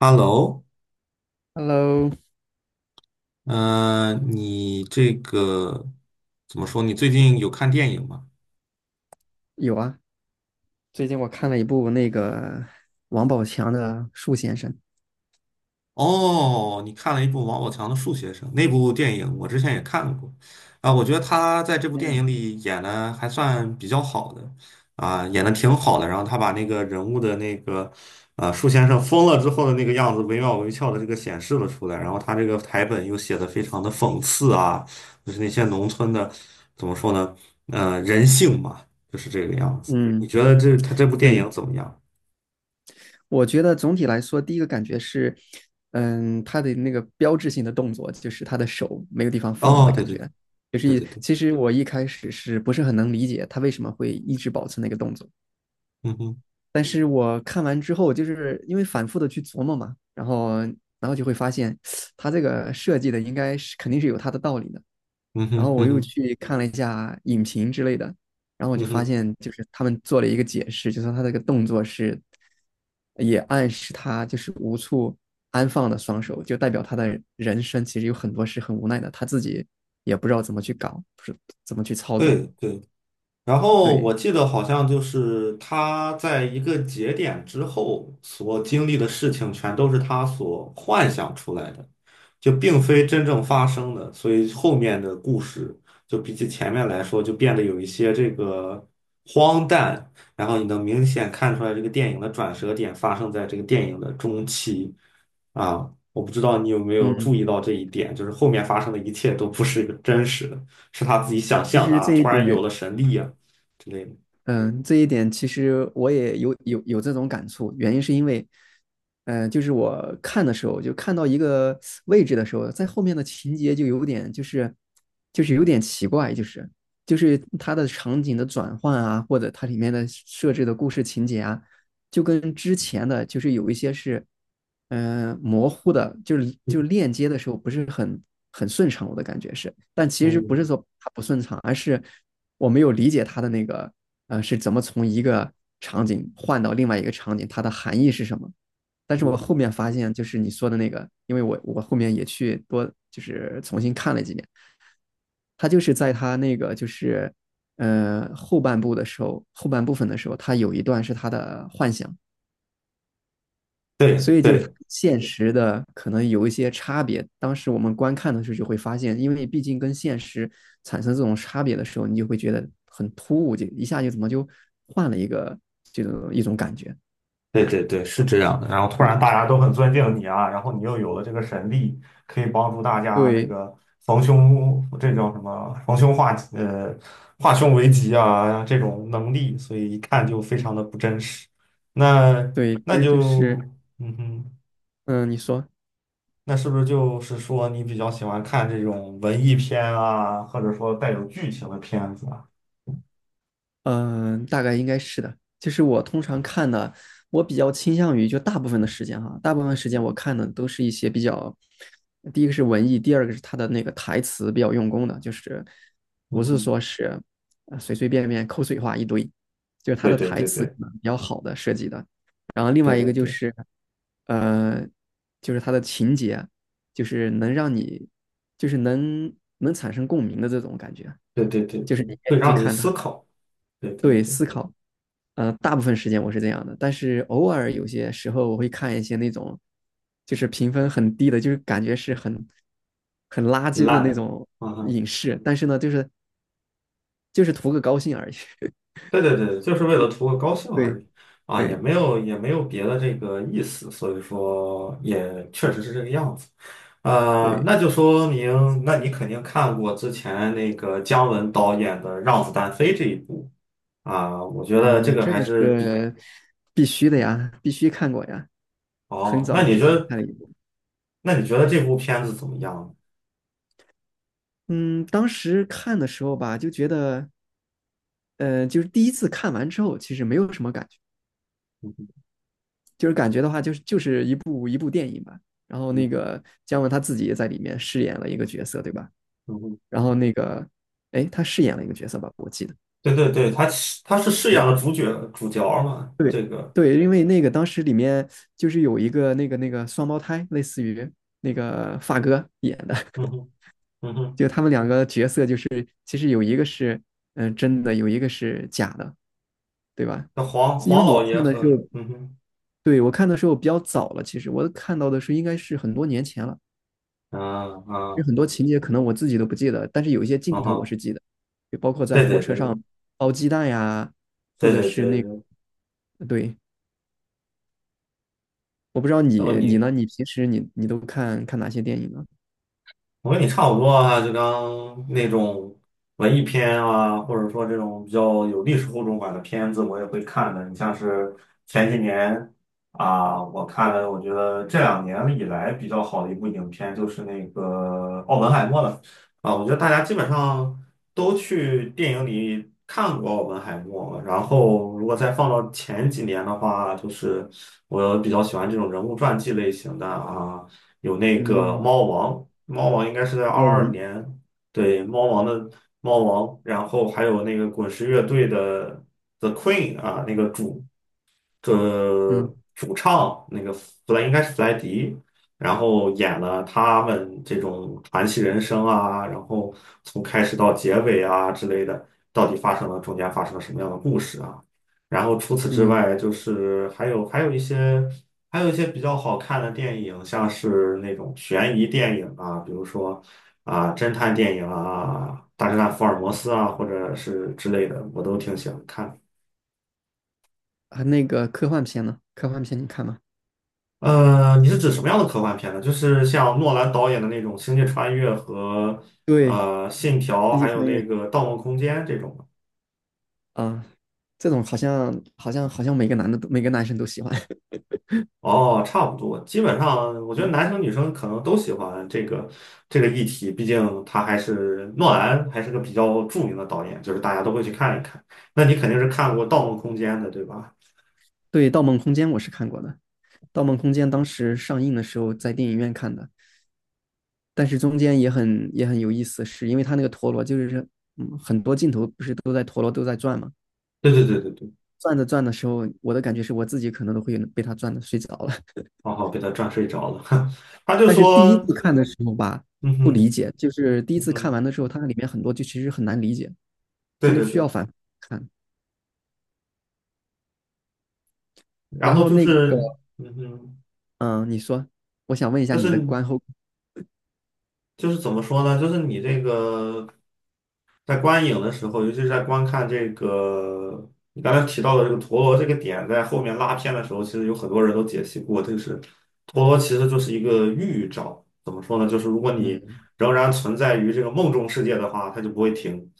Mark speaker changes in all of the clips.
Speaker 1: Hello，
Speaker 2: Hello，
Speaker 1: 你这个怎么说？你最近有看电影吗？
Speaker 2: 有啊，最近我看了一部那个王宝强的《树先生》。
Speaker 1: 哦，你看了一部王宝强的《树先生》那部电影，我之前也看过，啊，我觉得他在这部电影
Speaker 2: 嗯，
Speaker 1: 里演的还算比较好的，啊，演的挺好的。然后他把那个人物的那个，树先生疯了之后的那个样子，惟妙惟肖的这个显示了出来。然后他这个台本又写的非常的讽刺啊，就是那些农村的，怎么说呢，人性嘛，就是这个样子。你
Speaker 2: 嗯，
Speaker 1: 觉得这他这部电
Speaker 2: 对，
Speaker 1: 影怎么样？
Speaker 2: 我觉得总体来说，第一个感觉是，他的那个标志性的动作就是他的手没有地方放的
Speaker 1: 哦，对
Speaker 2: 感
Speaker 1: 对对
Speaker 2: 觉。就
Speaker 1: 对
Speaker 2: 是
Speaker 1: 对对，
Speaker 2: 其实我一开始是不是很能理解他为什么会一直保持那个动作，
Speaker 1: 嗯哼，
Speaker 2: 但是我看完之后，就是因为反复的去琢磨嘛，然后就会发现，他这个设计的应该是肯定是有他的道理的。
Speaker 1: 嗯
Speaker 2: 然后
Speaker 1: 哼，
Speaker 2: 我
Speaker 1: 嗯
Speaker 2: 又
Speaker 1: 哼，
Speaker 2: 去看了一下影评之类的，然后我就
Speaker 1: 嗯
Speaker 2: 发
Speaker 1: 哼。
Speaker 2: 现，就是他们做了一个解释，就说他这个动作是，也暗示他就是无处安放的双手，就代表他的人生其实有很多是很无奈的，他自己也不知道怎么去搞，不是怎么去操作。
Speaker 1: 对对，然后我
Speaker 2: 对，
Speaker 1: 记得好像就是他在一个节点之后所经历的事情，全都是他所幻想出来的，就并非真正发生的。所以后面的故事就比起前面来说，就变得有一些这个荒诞。然后你能明显看出来，这个电影的转折点发生在这个电影的中期啊。我不知道你有没有注
Speaker 2: 嗯，
Speaker 1: 意到这一点，就是后面发生的一切都不是一个真实的，是他自己想
Speaker 2: 其
Speaker 1: 象的
Speaker 2: 实
Speaker 1: 啊，
Speaker 2: 这一
Speaker 1: 突
Speaker 2: 点，
Speaker 1: 然有了神力啊。之类的。
Speaker 2: 嗯，这一点其实我也有这种感触，原因是因为，就是我看的时候，就看到一个位置的时候，在后面的情节就有点就是就是有点奇怪，就是它的场景的转换啊，或者它里面的设置的故事情节啊，就跟之前的就是有一些是，模糊的，就是就
Speaker 1: 嗯
Speaker 2: 链接的时候不是很顺畅，我的感觉是，但其实不是
Speaker 1: 嗯
Speaker 2: 说它不顺畅，而是我没有理解它的那个是怎么从一个场景换到另外一个场景，它的含义是什么。但是我后
Speaker 1: 嗯，
Speaker 2: 面发现，就是你说的那个，因为我后面也去多就是重新看了几遍，他就是在他那个就是后半部的时候，后半部分的时候，他有一段是他的幻想，
Speaker 1: 对
Speaker 2: 所以就是它
Speaker 1: 对
Speaker 2: 跟现实的可能有一些差别。当时我们观看的时候就会发现，因为毕竟跟现实产生这种差别的时候，你就会觉得很突兀，就一下就怎么就换了一个这种一种感觉。
Speaker 1: 对对对，是这样的。然后突然
Speaker 2: 对
Speaker 1: 大家都很尊敬你啊，然后你又有了这个神力，可以帮助大家这
Speaker 2: 对
Speaker 1: 个逢凶这叫什么逢凶化吉化凶为吉啊这种能力，所以一看就非常的不真实。那
Speaker 2: 对，其
Speaker 1: 那
Speaker 2: 实就是
Speaker 1: 就嗯哼，
Speaker 2: 嗯，你说
Speaker 1: 那是不是就是说你比较喜欢看这种文艺片啊，或者说带有剧情的片子啊？
Speaker 2: 嗯，大概应该是的。就是我通常看的，我比较倾向于就大部分的时间哈，大部分时间我看的都是一些比较，第一个是文艺，第二个是他的那个台词比较用功的，就是不
Speaker 1: 嗯
Speaker 2: 是
Speaker 1: 哼，
Speaker 2: 说是随随便便口水话一堆，就是他
Speaker 1: 对
Speaker 2: 的
Speaker 1: 对
Speaker 2: 台
Speaker 1: 对
Speaker 2: 词可
Speaker 1: 对
Speaker 2: 能比较好的设计的。然后另外
Speaker 1: 对
Speaker 2: 一
Speaker 1: 对
Speaker 2: 个就
Speaker 1: 对。
Speaker 2: 是，呃，就是他的情节，就是能让你，就是能产生共鸣的这种感觉，
Speaker 1: 对对对
Speaker 2: 就是
Speaker 1: 对，
Speaker 2: 你愿
Speaker 1: 会
Speaker 2: 意去
Speaker 1: 让你
Speaker 2: 看
Speaker 1: 思
Speaker 2: 他。
Speaker 1: 考，对对对，
Speaker 2: 大部分时间我是这样的，但是偶尔有些时候我会看一些那种，就是评分很低的，就是感觉是很垃圾的
Speaker 1: 烂
Speaker 2: 那
Speaker 1: 的，
Speaker 2: 种
Speaker 1: 啊哈，
Speaker 2: 影视，但是呢，就是就是图个高兴而已。
Speaker 1: 对对对，就是为了图个高兴
Speaker 2: 对
Speaker 1: 而已，啊，也
Speaker 2: 对
Speaker 1: 没有也没有别的这个意思，所以说也确实是这个样子，
Speaker 2: 对，
Speaker 1: 那就说明，那你肯定看过之前那个姜文导演的《让子弹飞》这一部啊，我觉得这
Speaker 2: 嗯，
Speaker 1: 个
Speaker 2: 这
Speaker 1: 还
Speaker 2: 个
Speaker 1: 是比，
Speaker 2: 是必须的呀，必须看过呀。很
Speaker 1: 哦，
Speaker 2: 早之前看了一部，
Speaker 1: 那你觉得这部片子怎么样呢？
Speaker 2: 嗯，当时看的时候吧，就觉得，就是第一次看完之后，其实没有什么感觉，
Speaker 1: 嗯哼
Speaker 2: 就是感觉的话，就是就是一部。然后
Speaker 1: 嗯
Speaker 2: 那
Speaker 1: 哼
Speaker 2: 个姜文他自己也在里面饰演了一个角色，对吧？
Speaker 1: 嗯哼
Speaker 2: 然后那个，哎，他饰演了一个角色吧，我记得。
Speaker 1: 对对对，他是饰演
Speaker 2: 对
Speaker 1: 了主角主角嘛，
Speaker 2: 对
Speaker 1: 这个。
Speaker 2: 对，因为那个当时里面就是有一个那个双胞胎，类似于那个发哥演的，
Speaker 1: 嗯 哼，嗯哼，
Speaker 2: 就他们两个角色就是其实有一个是真的，有一个是假的，对吧？
Speaker 1: 那黄
Speaker 2: 因为
Speaker 1: 黄
Speaker 2: 我
Speaker 1: 老
Speaker 2: 看
Speaker 1: 爷
Speaker 2: 的时候，
Speaker 1: 和嗯哼，
Speaker 2: 对，我看的时候比较早了，其实我看到的是应该是很多年前了。
Speaker 1: 啊
Speaker 2: 有
Speaker 1: 啊，
Speaker 2: 很多情节可能我自己都不记得，但是有一些镜
Speaker 1: 嗯
Speaker 2: 头我
Speaker 1: 哼，
Speaker 2: 是记得，就包括在
Speaker 1: 对
Speaker 2: 火
Speaker 1: 对
Speaker 2: 车上
Speaker 1: 对
Speaker 2: 包鸡蛋呀，或
Speaker 1: 对
Speaker 2: 者
Speaker 1: 对
Speaker 2: 是
Speaker 1: 对
Speaker 2: 那
Speaker 1: 对，
Speaker 2: 对，我不知道
Speaker 1: 然后
Speaker 2: 你
Speaker 1: 你
Speaker 2: 呢？你平时你都看看哪些电影呢？
Speaker 1: 我跟你差不多啊，就刚那种文艺片啊，或者说这种比较有历史厚重感的片子，我也会看的。你像是前几年啊，我看了，我觉得这2年以来比较好的一部影片就是那个《奥本海默》了啊，我觉得大家基本上都去电影里看过《奥本海默》，然后如果再放到前几年的话，就是我比较喜欢这种人物传记类型的啊。有那个
Speaker 2: 嗯，
Speaker 1: 猫王猫王应该是在
Speaker 2: 猫
Speaker 1: 二二
Speaker 2: 王，
Speaker 1: 年，对，猫王的猫王，然后还有那个滚石乐队的 The Queen 啊，那个主
Speaker 2: 嗯
Speaker 1: 这主唱那个弗莱应该是弗莱迪，然后演了他们这种传奇人生啊，然后从开始到结尾啊之类的，到底发生了中间发生了什么样的故事啊？然后除此之
Speaker 2: 嗯，
Speaker 1: 外，就是还有一些比较好看的电影，像是那种悬疑电影啊，比如说啊侦探电影啊，《大侦探福尔摩斯》啊，或者是之类的，我都挺喜欢看。
Speaker 2: 啊，那个科幻片呢？科幻片你看吗？
Speaker 1: 你是指什么样的科幻片呢？就是像诺兰导演的那种《星际穿越》和
Speaker 2: 对，
Speaker 1: 《信条》，
Speaker 2: 星际
Speaker 1: 还有
Speaker 2: 穿
Speaker 1: 那
Speaker 2: 越
Speaker 1: 个《盗梦空间》这种。
Speaker 2: 啊，这种好像好像好像每个男的都每个男生都喜欢。
Speaker 1: 哦，差不多，基本上我觉得
Speaker 2: 对
Speaker 1: 男生女生可能都喜欢这个议题，毕竟他还是诺兰，还是个比较著名的导演，就是大家都会去看一看。那你肯定是看过《盗梦空间》的，对吧？
Speaker 2: 对，《盗梦空间》我是看过的，《盗梦空间》当时上映的时候在电影院看的。但是中间也很有意思，是因为他那个陀螺就是很多镜头不是都在陀螺都在转嘛，
Speaker 1: 对对对对对，
Speaker 2: 转着转的时候，我的感觉是我自己可能都会被他转的睡着了。
Speaker 1: 刚好被他转睡着了。他就
Speaker 2: 但是第一
Speaker 1: 说，
Speaker 2: 次看的时候吧，
Speaker 1: 嗯
Speaker 2: 不理
Speaker 1: 哼，
Speaker 2: 解，就是第一
Speaker 1: 嗯
Speaker 2: 次看完
Speaker 1: 哼，
Speaker 2: 的时候，它里面很多就其实很难理解，就
Speaker 1: 对
Speaker 2: 是
Speaker 1: 对
Speaker 2: 需要
Speaker 1: 对，
Speaker 2: 反复看。
Speaker 1: 然
Speaker 2: 然后
Speaker 1: 后就
Speaker 2: 那个
Speaker 1: 是，嗯哼，
Speaker 2: 嗯，你说，我想问一下
Speaker 1: 就
Speaker 2: 你的
Speaker 1: 是
Speaker 2: 观后，
Speaker 1: 就是怎么说呢？就是你这个。在观影的时候，尤其是在观看这个你刚才提到的这个陀螺这个点，在后面拉片的时候，其实有很多人都解析过，就是陀螺其实就是一个预兆。怎么说呢？就是如果你
Speaker 2: 嗯，
Speaker 1: 仍然存在于这个梦中世界的话，它就不会停。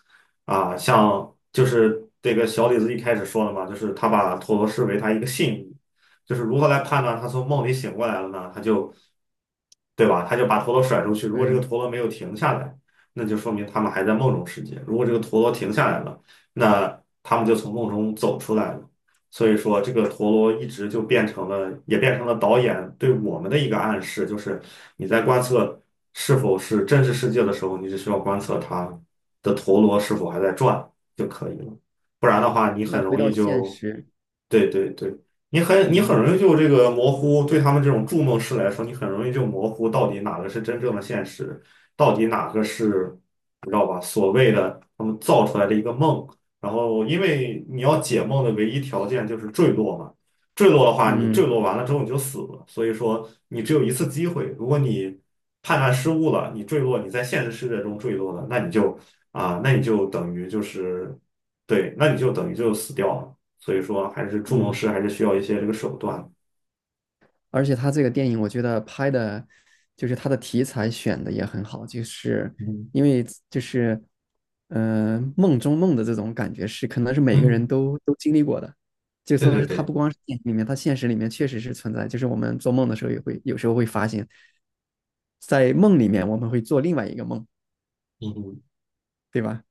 Speaker 1: 啊，像就是这个小李子一开始说的嘛，就是他把陀螺视为他一个信物，就是如何来判断他从梦里醒过来了呢？对吧？他就把陀螺甩出去，如果这个
Speaker 2: 对，
Speaker 1: 陀螺没有停下来。那就说明他们还在梦中世界。如果这个陀螺停下来了，那他们就从梦中走出来了。所以说，这个陀螺一直就变成了，也变成了导演对我们的一个暗示，就是你在观测是否是真实世界的时候，你只需要观测它的陀螺是否还在转就可以了。不然的话，你
Speaker 2: 那
Speaker 1: 很
Speaker 2: 回
Speaker 1: 容
Speaker 2: 到
Speaker 1: 易
Speaker 2: 现
Speaker 1: 就，
Speaker 2: 实，
Speaker 1: 对对对，你
Speaker 2: 嗯
Speaker 1: 很容易就这个模糊。对他们这种筑梦师来说，你很容易就模糊到底哪个是真正的现实。到底哪个是你知道吧？所谓的他们造出来的一个梦，然后因为你要解梦的唯一条件就是坠落嘛，坠落的话，你坠
Speaker 2: 嗯
Speaker 1: 落完了之后你就死了，所以说你只有一次机会，如果你判断失误了，你坠落，你在现实世界中坠落了，那你就等于就是对，那你就等于就死掉了，所以说还是筑梦
Speaker 2: 嗯。
Speaker 1: 师还是需要一些这个手段，
Speaker 2: 而且他这个电影，我觉得拍的，就是他的题材选的也很好，就是
Speaker 1: 嗯
Speaker 2: 因为就是，梦中梦的这种感觉是，可能是每个人
Speaker 1: 嗯，
Speaker 2: 都经历过的，就
Speaker 1: 对
Speaker 2: 说
Speaker 1: 对
Speaker 2: 是他不
Speaker 1: 对，
Speaker 2: 光是电影里面，他现实里面确实是存在，就是我们做梦的时候也会有时候会发现，在梦里面我们会做另外一个梦，
Speaker 1: 嗯嗯
Speaker 2: 对吧？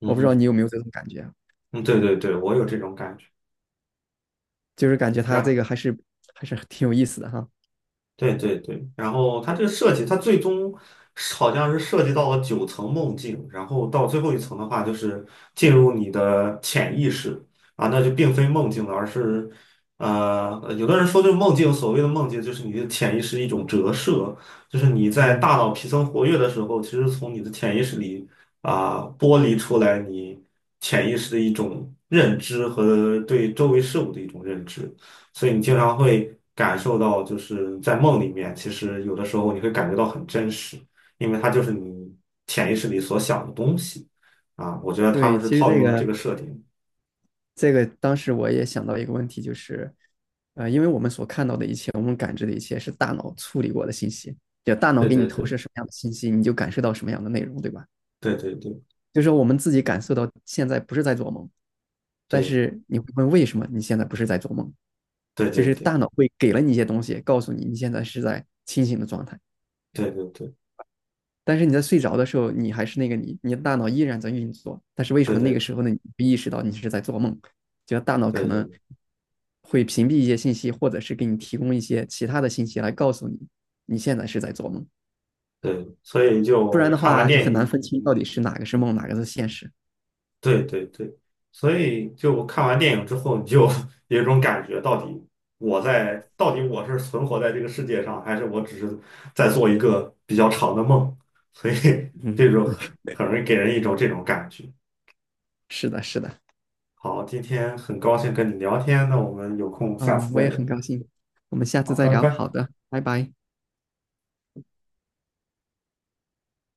Speaker 1: 嗯
Speaker 2: 我不知道你
Speaker 1: 嗯
Speaker 2: 有没有这种感觉啊
Speaker 1: 嗯，对对对，我有这种感觉。
Speaker 2: 就是感觉
Speaker 1: 是
Speaker 2: 他这
Speaker 1: 吧？
Speaker 2: 个还是挺有意思的哈。
Speaker 1: 对对对，然后它这个设计，它最终是好像是涉及到了九层梦境，然后到最后一层的话，就是进入你的潜意识啊，那就并非梦境了，而是有的人说这个梦境，所谓的梦境就是你的潜意识一种折射，就是你在
Speaker 2: 嗯，
Speaker 1: 大脑皮层活跃的时候，其实从你的潜意识里啊、剥离出来你潜意识的一种认知和对周围事物的一种认知。所以你经常会感受到，就是在梦里面，其实有的时候你会感觉到很真实，因为它就是你潜意识里所想的东西啊。我觉得他
Speaker 2: 对，
Speaker 1: 们是
Speaker 2: 其实
Speaker 1: 套
Speaker 2: 这
Speaker 1: 用了
Speaker 2: 个
Speaker 1: 这个设定。
Speaker 2: 这个当时我也想到一个问题，就是，因为我们所看到的一切，我们感知的一切是大脑处理过的信息，就大脑
Speaker 1: 对
Speaker 2: 给你
Speaker 1: 对
Speaker 2: 投
Speaker 1: 对，
Speaker 2: 射什么样的信息，你就感受到什么样的内容，对吧？
Speaker 1: 对对对
Speaker 2: 就是说我们自己感受到现在不是在做梦，但
Speaker 1: 对
Speaker 2: 是你会问为什么你现在不是在做梦，
Speaker 1: 对
Speaker 2: 就
Speaker 1: 对
Speaker 2: 是
Speaker 1: 对对
Speaker 2: 大脑会给了你一些东西，告诉你你现在是在清醒的状态。
Speaker 1: 对对
Speaker 2: 但是你在睡着的时候，你还是那个你，你的大脑依然在运作。但是为什么
Speaker 1: 对
Speaker 2: 那个
Speaker 1: 对
Speaker 2: 时候呢？你不意识到你是在做梦，就大脑可能
Speaker 1: 对
Speaker 2: 会屏蔽一些信息，或者是给你提供一些其他的信息来告诉你你现在是在做梦。
Speaker 1: 对，所以
Speaker 2: 不然
Speaker 1: 就
Speaker 2: 的
Speaker 1: 看完
Speaker 2: 话，就
Speaker 1: 电
Speaker 2: 很难
Speaker 1: 影。
Speaker 2: 分清到底是哪个是梦，哪个是现实。
Speaker 1: 对对对，所以就我看完电影之后，你就 有一种感觉，到底我是存活在这个世界上，还是我只是在做一个比较长的梦？所以
Speaker 2: 嗯，
Speaker 1: 这种很容易给人一种这种感觉。
Speaker 2: 是的，是的。
Speaker 1: 好，今天很高兴跟你聊天，那我们有空下
Speaker 2: 嗯，
Speaker 1: 次
Speaker 2: 我
Speaker 1: 再
Speaker 2: 也很
Speaker 1: 聊。
Speaker 2: 高兴。我们下次
Speaker 1: 好，
Speaker 2: 再
Speaker 1: 拜
Speaker 2: 聊。
Speaker 1: 拜。
Speaker 2: 好的，拜拜。